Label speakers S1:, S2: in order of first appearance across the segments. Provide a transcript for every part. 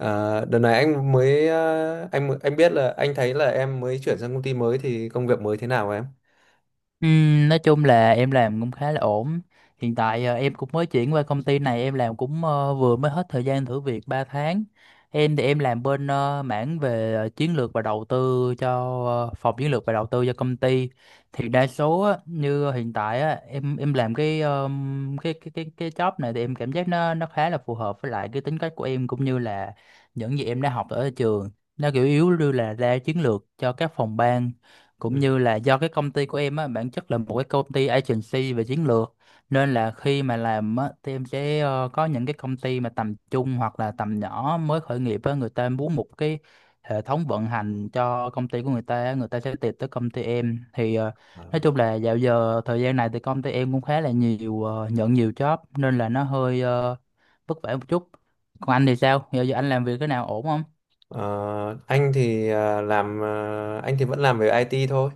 S1: Đợt này anh biết là anh thấy là em mới chuyển sang công ty mới thì công việc mới thế nào em?
S2: Nói chung là em làm cũng khá là ổn. Hiện tại em cũng mới chuyển qua công ty này, em làm cũng vừa mới hết thời gian thử việc 3 tháng. Em thì em làm bên mảng về chiến lược và đầu tư cho phòng chiến lược và đầu tư cho công ty. Thì đa số á, như hiện tại á, em làm cái job này thì em cảm giác nó khá là phù hợp với lại cái tính cách của em cũng như là những gì em đã học ở trường. Nó kiểu yếu như là ra chiến lược cho các phòng ban,
S1: Ừ.
S2: cũng như là do cái công ty của em á bản chất là một cái công ty agency về chiến lược, nên là khi mà làm á thì em sẽ có những cái công ty mà tầm trung hoặc là tầm nhỏ mới khởi nghiệp á, người ta muốn một cái hệ thống vận hành cho công ty của người ta á, người ta sẽ tìm tới công ty em. Thì nói chung là dạo giờ thời gian này thì công ty em cũng khá là nhiều, nhận nhiều job nên là nó hơi vất vả một chút. Còn anh thì sao giờ, anh làm việc cái nào ổn không?
S1: Anh thì vẫn làm về IT thôi.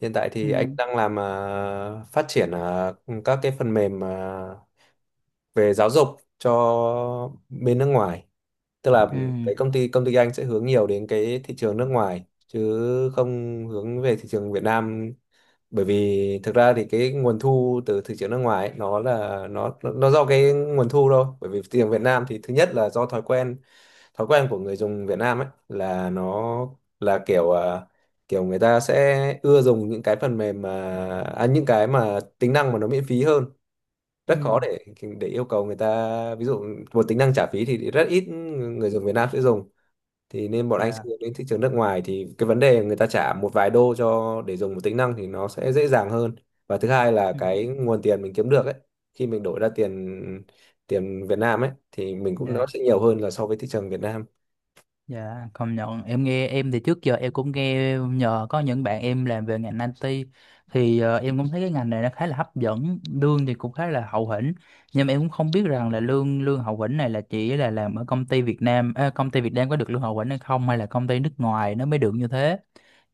S1: Hiện tại thì anh
S2: Ừ.
S1: đang làm, phát triển các cái phần mềm về giáo dục cho bên nước ngoài. Tức là
S2: Ừ.
S1: cái công ty anh sẽ hướng nhiều đến cái thị trường nước ngoài, chứ không hướng về thị trường Việt Nam. Bởi vì thực ra thì cái nguồn thu từ thị trường nước ngoài ấy, nó là nó do cái nguồn thu thôi. Bởi vì thị trường Việt Nam thì thứ nhất là do thói quen của người dùng Việt Nam ấy, là nó là kiểu người ta sẽ ưa dùng những cái phần mềm những cái mà tính năng mà nó miễn phí hơn.
S2: Ừ.
S1: Rất khó để yêu cầu người ta, ví dụ một tính năng trả phí thì rất ít người dùng Việt Nam sẽ dùng. Thì nên bọn anh sẽ
S2: Dạ.
S1: hướng đến thị trường nước ngoài, thì cái vấn đề người ta trả một vài đô cho để dùng một tính năng thì nó sẽ dễ dàng hơn. Và thứ hai là
S2: Ừ.
S1: cái nguồn tiền mình kiếm được ấy, khi mình đổi ra tiền tiền Việt Nam ấy thì mình cũng, nó
S2: Dạ.
S1: sẽ nhiều hơn là so với thị trường Việt Nam.
S2: Dạ, công nhận em nghe, em thì trước giờ em cũng nghe nhờ có những bạn em làm về ngành IT, thì em cũng thấy cái ngành này nó khá là hấp dẫn, lương thì cũng khá là hậu hĩnh. Nhưng mà em cũng không biết rằng là lương lương hậu hĩnh này là chỉ là làm ở công ty Việt Nam, công ty Việt Nam có được lương hậu hĩnh hay không, hay là công ty nước ngoài nó mới được như thế.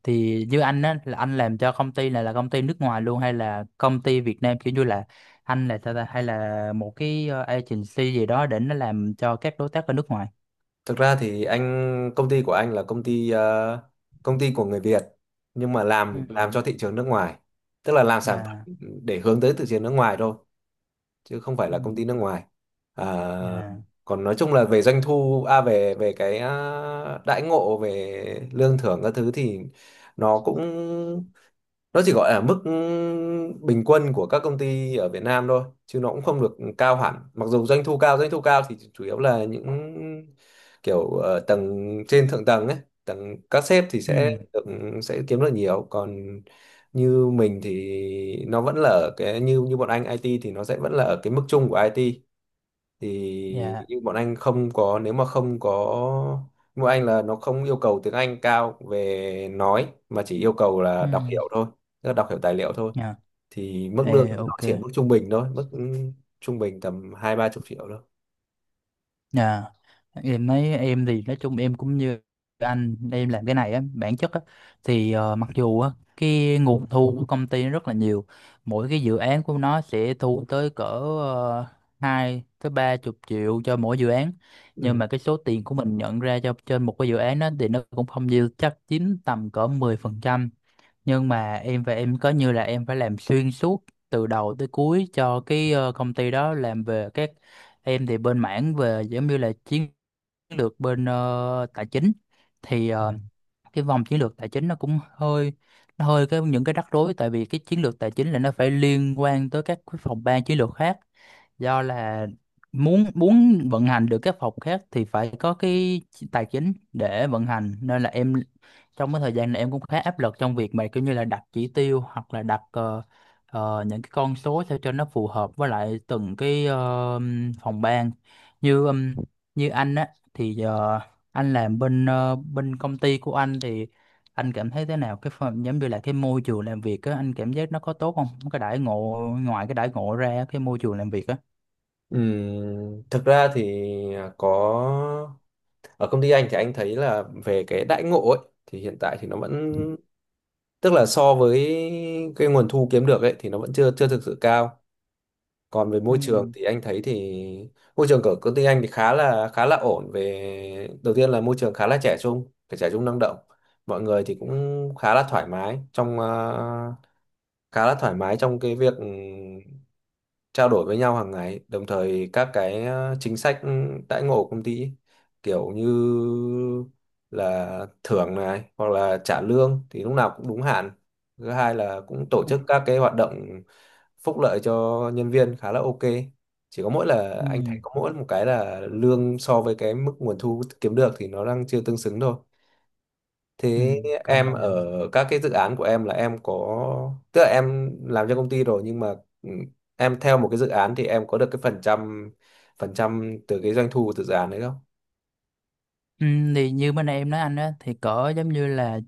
S2: Thì như anh á là anh làm cho công ty này là công ty nước ngoài luôn, hay là công ty Việt Nam kiểu như là anh là sao ta, hay là một cái agency gì đó để nó làm cho các đối tác ở nước ngoài.
S1: Thực ra thì công ty của anh là công ty của người Việt, nhưng mà
S2: Ừ.
S1: làm cho thị trường nước ngoài, tức là làm sản phẩm
S2: Dạ.
S1: để hướng tới thị trường nước ngoài thôi, chứ không phải
S2: Ừ.
S1: là công ty nước ngoài. à,
S2: À,
S1: còn nói chung là về doanh thu, à về về cái à, đãi ngộ về lương thưởng các thứ thì nó cũng nó chỉ gọi là mức bình quân của các công ty ở Việt Nam thôi, chứ nó cũng không được cao hẳn. Mặc dù doanh thu cao, thì chủ yếu là những tầng trên, thượng tầng ấy, tầng các sếp thì
S2: ừ,
S1: sẽ kiếm được nhiều, còn như mình thì nó vẫn là ở cái, như như bọn anh IT thì nó sẽ vẫn là ở cái mức chung của IT. Thì
S2: dạ,
S1: nhưng bọn anh không có nếu mà không có nhưng bọn anh là nó không yêu cầu tiếng Anh cao về nói, mà chỉ yêu cầu là
S2: ừ,
S1: đọc hiểu thôi, tức là đọc hiểu tài liệu thôi.
S2: dạ.
S1: Thì mức lương
S2: Ê,
S1: thì nó
S2: ok,
S1: chỉ ở mức trung bình thôi, trung bình tầm hai ba chục triệu thôi.
S2: dạ. Em nói em thì nói chung em cũng như anh, em làm cái này á, bản chất á, thì mặc dù á, cái nguồn thu của công ty nó rất là nhiều, mỗi cái dự án của nó sẽ thu tới cỡ uh, 2 tới 30 triệu cho mỗi dự án, nhưng
S1: Ừ.
S2: mà cái số tiền của mình nhận ra cho trên một cái dự án đó thì nó cũng không nhiều, chắc chiếm tầm cỡ 10%. Nhưng mà em và em có như là em phải làm xuyên suốt từ đầu tới cuối cho cái công ty đó, làm về các em thì bên mảng về giống như là chiến lược bên tài chính, thì cái vòng chiến lược tài chính nó hơi cái những cái rắc rối, tại vì cái chiến lược tài chính là nó phải liên quan tới các cái phòng ban chiến lược khác, do là muốn muốn vận hành được các phòng khác thì phải có cái tài chính để vận hành, nên là em trong cái thời gian này em cũng khá áp lực trong việc mà kiểu như là đặt chỉ tiêu, hoặc là đặt những cái con số sao cho nó phù hợp với lại từng cái phòng ban. Như ừm, như anh á thì anh làm bên bên công ty của anh thì anh cảm thấy thế nào cái phần giống như là cái môi trường làm việc á, anh cảm giác nó có tốt không, cái đãi ngộ, ngoài cái đãi ngộ ra cái môi trường làm việc á?
S1: Thực ra thì à, có ở công ty anh thì anh thấy là về cái đãi ngộ ấy thì, hiện tại thì nó vẫn tức là so với cái nguồn thu kiếm được ấy thì nó vẫn chưa chưa thực sự cao. Còn về
S2: Ừ.
S1: môi trường thì anh thấy thì môi trường của công ty anh thì khá là ổn. Về đầu tiên là môi trường khá là trẻ trung, trẻ trung năng động. Mọi người thì cũng khá là thoải mái trong, khá là thoải mái trong cái việc, trao đổi với nhau hàng ngày. Đồng thời các chính sách đãi ngộ của công ty ấy, kiểu như là thưởng này hoặc là trả lương thì lúc nào cũng đúng hạn. Thứ hai là cũng tổ chức các cái hoạt động phúc lợi cho nhân viên khá là ok. Chỉ có mỗi là anh thấy
S2: Ừ.
S1: có mỗi một cái là lương so với cái mức nguồn thu kiếm được thì nó đang chưa tương xứng thôi.
S2: Ừ.
S1: Thế
S2: Công
S1: em
S2: nhận.
S1: ở các cái dự án của em là, em có tức là em làm cho công ty rồi nhưng mà, ừ, em theo một cái dự án thì em có được cái phần trăm từ cái doanh thu từ dự án đấy không?
S2: Ừ. Thì như bên em nói anh á thì cỡ giống như là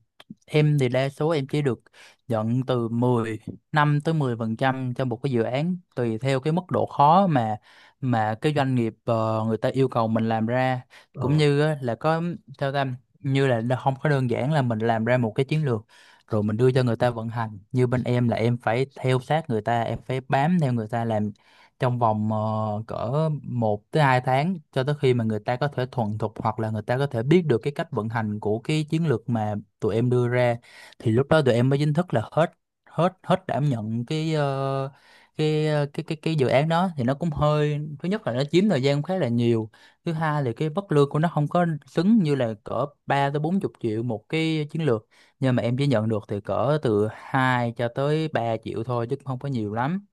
S2: em thì đa số em chỉ được nhận từ 15 tới 10% cho một cái dự án, tùy theo cái mức độ khó mà cái doanh nghiệp người ta yêu cầu mình làm ra, cũng
S1: Ờ,
S2: như á, là có theo tâm như là nó không có đơn giản là mình làm ra một cái chiến lược rồi mình đưa cho người ta vận hành. Như bên em là em phải theo sát người ta, em phải bám theo người ta làm trong vòng cỡ 1-2 tháng cho tới khi mà người ta có thể thuần thục, hoặc là người ta có thể biết được cái cách vận hành của cái chiến lược mà tụi em đưa ra, thì lúc đó tụi em mới chính thức là hết hết hết đảm nhận cái ờ, cái ờ, cái dự án đó. Thì nó cũng hơi, thứ nhất là nó chiếm thời gian khá là nhiều, thứ hai là cái mức lương của nó không có xứng, như là cỡ 30-40 triệu một cái chiến lược nhưng mà em chỉ nhận được thì cỡ từ 2-3 triệu thôi chứ cũng không có nhiều lắm.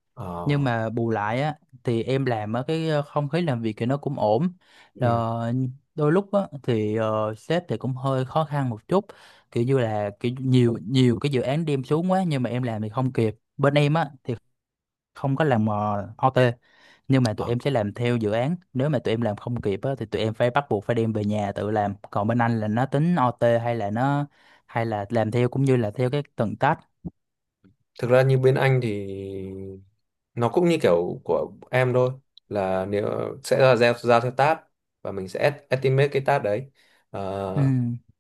S2: Nhưng
S1: ờ,
S2: mà bù lại á thì em làm ở cái không khí làm việc thì nó cũng ổn.
S1: ừ.
S2: Ờ, đôi lúc á thì sếp thì cũng hơi khó khăn một chút, kiểu như là kiểu nhiều nhiều cái dự án đem xuống quá nhưng mà em làm thì không kịp. Bên em á thì không có làm OT, nhưng mà tụi em sẽ làm theo dự án, nếu mà tụi em làm không kịp á thì tụi em phải bắt buộc phải đem về nhà tự làm. Còn bên anh là nó tính OT hay là nó hay là làm theo cũng như là theo cái tầng tách?
S1: Thực ra như bên anh thì nó cũng như kiểu của em thôi, là, sẽ là giao giao theo task và mình sẽ estimate cái task đấy.
S2: Ừ.
S1: Ờ,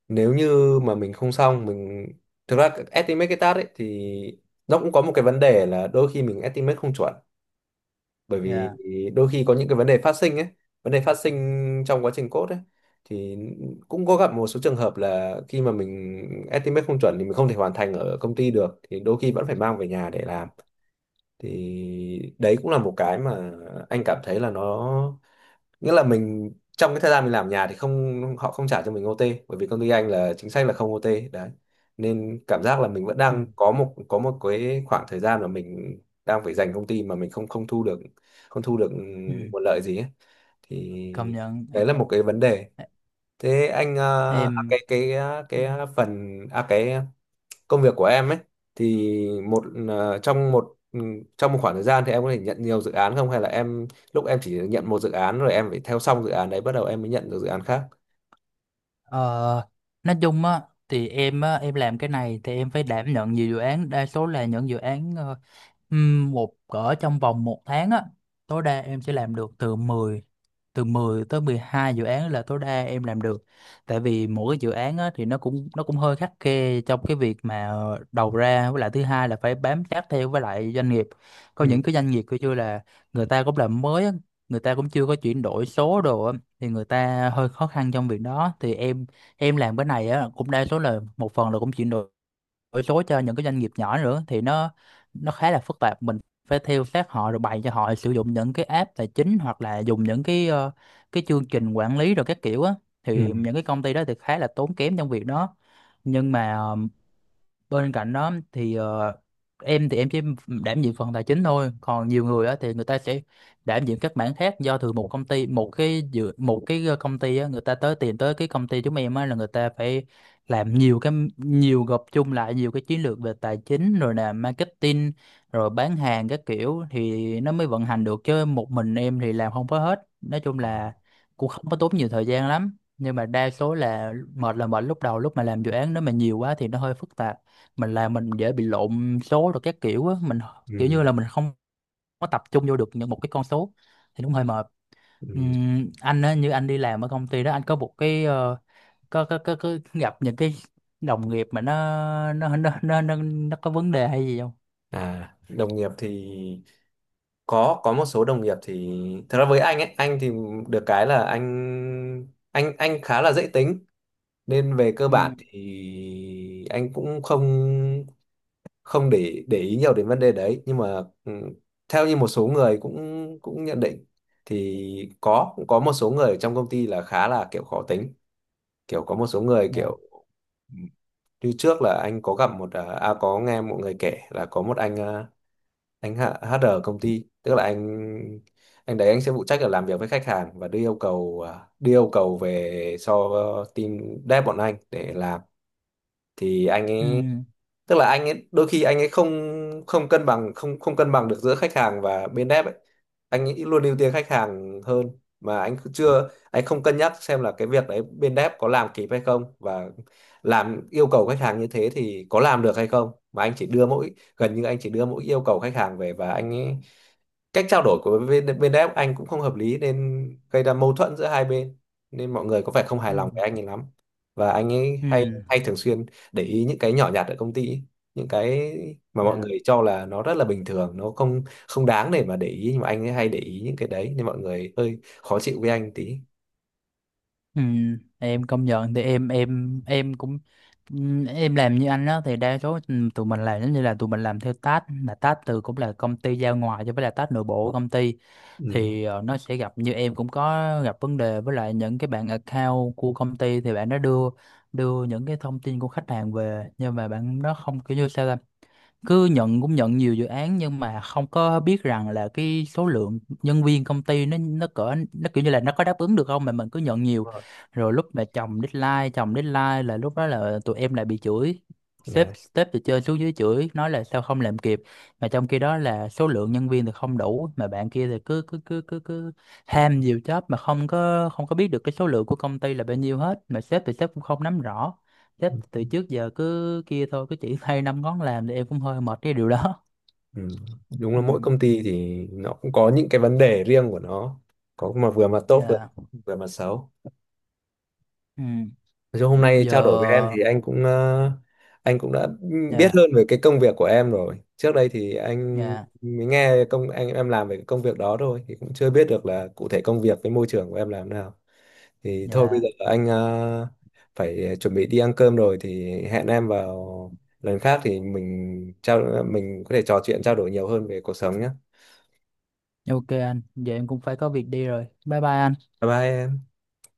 S1: nếu như mà mình không xong mình Thực ra estimate cái task ấy thì nó cũng có một cái vấn đề là đôi khi mình estimate không chuẩn, bởi vì
S2: Dạ.
S1: đôi khi có những cái vấn đề phát sinh ấy, vấn đề phát sinh trong quá trình code ấy, thì cũng có gặp một số trường hợp là khi mà mình estimate không chuẩn thì mình không thể hoàn thành ở công ty được, thì đôi khi vẫn phải mang về nhà để làm. Thì đấy cũng là một cái mà anh cảm thấy là, nghĩa là mình trong cái thời gian mình làm nhà thì, không họ không trả cho mình OT, bởi vì công ty anh là chính sách là không OT đấy, nên cảm giác là mình vẫn
S2: Ừ.
S1: đang có một cái khoảng thời gian mà mình đang phải dành công ty mà mình không không thu được, không thu được
S2: Ừ.
S1: nguồn lợi gì ấy. Thì
S2: Công nhận.
S1: đấy là một cái vấn đề. Thế anh, ờ, à,
S2: Em
S1: cái à, phần à cái công việc của em ấy thì, trong một, trong một khoảng thời gian thì em có thể nhận nhiều dự án không, hay là em lúc em chỉ nhận một dự án rồi em phải theo xong dự án đấy bắt đầu em mới nhận được dự án khác?
S2: Ờ, nói chung á thì em á em làm cái này thì em phải đảm nhận nhiều dự án, đa số là những dự án ừm, một cỡ trong vòng một tháng á tối đa em sẽ làm được từ mười tới 12 dự án là tối đa em làm được. Tại vì mỗi cái dự án á, thì nó cũng hơi khắt khe trong cái việc mà đầu ra, với lại thứ hai là phải bám sát theo với lại doanh nghiệp. Có
S1: Ừ,
S2: những cái doanh nghiệp kiểu như là người ta cũng làm mới á, người ta cũng chưa có chuyển đổi số đồ á, thì người ta hơi khó khăn trong việc đó. Thì em làm cái này á cũng đa số là một phần là cũng chuyển đổi đổi số cho những cái doanh nghiệp nhỏ nữa, thì nó khá là phức tạp, mình phải theo sát họ rồi bày cho họ sử dụng những cái app tài chính hoặc là dùng những cái cái chương trình quản lý rồi các kiểu á,
S1: ừ,
S2: thì những cái công ty đó thì khá là tốn kém trong việc đó. Nhưng mà bên cạnh đó thì em thì em chỉ đảm nhiệm phần tài chính thôi, còn nhiều người á thì người ta sẽ đảm nhiệm các mảng khác, do từ một công ty một cái công ty á người ta tới, tìm tới cái công ty chúng em á là người ta phải làm nhiều cái, nhiều gộp chung lại nhiều cái chiến lược về tài chính rồi là marketing rồi bán hàng các kiểu, thì nó mới vận hành được chứ một mình em thì làm không có hết. Nói chung
S1: ờ,
S2: là cũng không có tốn nhiều thời gian lắm, nhưng mà đa số là mệt lúc đầu, lúc mà làm dự án nếu mà nhiều quá thì nó hơi phức tạp, mình làm mình dễ bị lộn số rồi các kiểu á, mình kiểu
S1: ừ,
S2: như là mình không có tập trung vô được những một cái con số thì đúng hơi mệt.
S1: ừ.
S2: Anh á như anh đi làm ở công ty đó anh có một cái có gặp những cái đồng nghiệp mà nó có vấn đề hay gì không?
S1: Đồng nghiệp thì có một số đồng nghiệp thì, thật ra với anh thì được cái là anh khá là dễ tính, nên về cơ
S2: Ừ.
S1: bản thì anh cũng không không để ý nhiều đến vấn đề đấy. Nhưng mà, theo như một số người cũng cũng nhận định thì, cũng có một số người ở trong công ty là khá là kiểu khó tính, kiểu có một số người
S2: Dạ.
S1: kiểu, ừ, như trước là anh có gặp có nghe một người kể là có một anh, anh H- HR công ty, tức là anh đấy anh sẽ phụ trách là làm việc với khách hàng và đưa yêu cầu về cho team dev bọn anh để làm. Thì anh
S2: Ừ.
S1: ấy, tức là anh ấy đôi khi anh ấy không không cân bằng không không cân bằng được giữa khách hàng và bên dev ấy. Anh ấy luôn ưu tiên khách hàng hơn, mà anh cứ chưa anh không cân nhắc xem là cái việc đấy bên dev có làm kịp hay không, và làm yêu cầu khách hàng như thế thì có làm được hay không, mà anh chỉ đưa mỗi gần như anh chỉ đưa mỗi yêu cầu khách hàng về. Và anh ấy cách trao đổi của bên bên đấy anh cũng không hợp lý, nên gây ra mâu thuẫn giữa hai bên, nên mọi người có vẻ không hài
S2: Ừ.
S1: lòng với anh ấy lắm. Và anh ấy
S2: Ừ.
S1: hay hay thường xuyên để ý những cái nhỏ nhặt ở công ty ấy, những cái mà mọi
S2: Dạ.
S1: người cho là nó rất là bình thường, nó không không đáng để mà để ý, nhưng mà anh ấy hay để ý những cái đấy nên mọi người hơi khó chịu với anh tí.
S2: Ừ, em công nhận thì em cũng em làm như anh đó thì đa số tụi mình làm giống như là tụi mình làm theo task, là task từ cũng là công ty giao ngoài cho, với là task nội bộ của công ty.
S1: Ừ.
S2: Thì nó sẽ gặp, như em cũng có gặp vấn đề với lại những cái bạn account của công ty, thì bạn nó đưa đưa những cái thông tin của khách hàng về nhưng mà bạn nó không kiểu như sao ta? Cứ nhận, cũng nhận nhiều dự án nhưng mà không có biết rằng là cái số lượng nhân viên công ty nó cỡ nó kiểu như là nó có đáp ứng được không, mà mình cứ nhận nhiều,
S1: Đúng rồi.
S2: rồi lúc mà chồng deadline là lúc đó là tụi em lại bị chửi. sếp
S1: Đấy.
S2: sếp từ trên xuống dưới chửi, nói là sao không làm kịp, mà trong khi đó là số lượng nhân viên thì không đủ, mà bạn kia thì cứ cứ cứ cứ cứ ham nhiều job mà không có biết được cái số lượng của công ty là bao nhiêu hết, mà sếp thì sếp cũng không nắm rõ. Chắc từ trước giờ cứ kia thôi, cứ chỉ thay năm ngón làm, thì em cũng hơi mệt cái điều đó.
S1: Ừ. Đúng là
S2: Ừ,
S1: mỗi công ty thì nó cũng có những cái vấn đề riêng của nó, có mà vừa mặt tốt được,
S2: dạ,
S1: vừa mặt xấu.
S2: ừ,
S1: Nói chung hôm nay trao đổi với em
S2: giờ,
S1: thì, anh cũng đã biết
S2: dạ,
S1: hơn về cái công việc của em rồi. Trước đây thì anh
S2: dạ,
S1: mới nghe, anh em làm về cái công việc đó thôi thì cũng chưa biết được là cụ thể công việc với môi trường của em làm thế nào. Thì thôi bây
S2: dạ.
S1: giờ anh phải chuẩn bị đi ăn cơm rồi, thì hẹn em vào lần khác thì, mình có thể trò chuyện trao đổi nhiều hơn về cuộc sống nhé.
S2: Ok anh, giờ em cũng phải có việc đi rồi. Bye bye anh.
S1: Bye bye, em.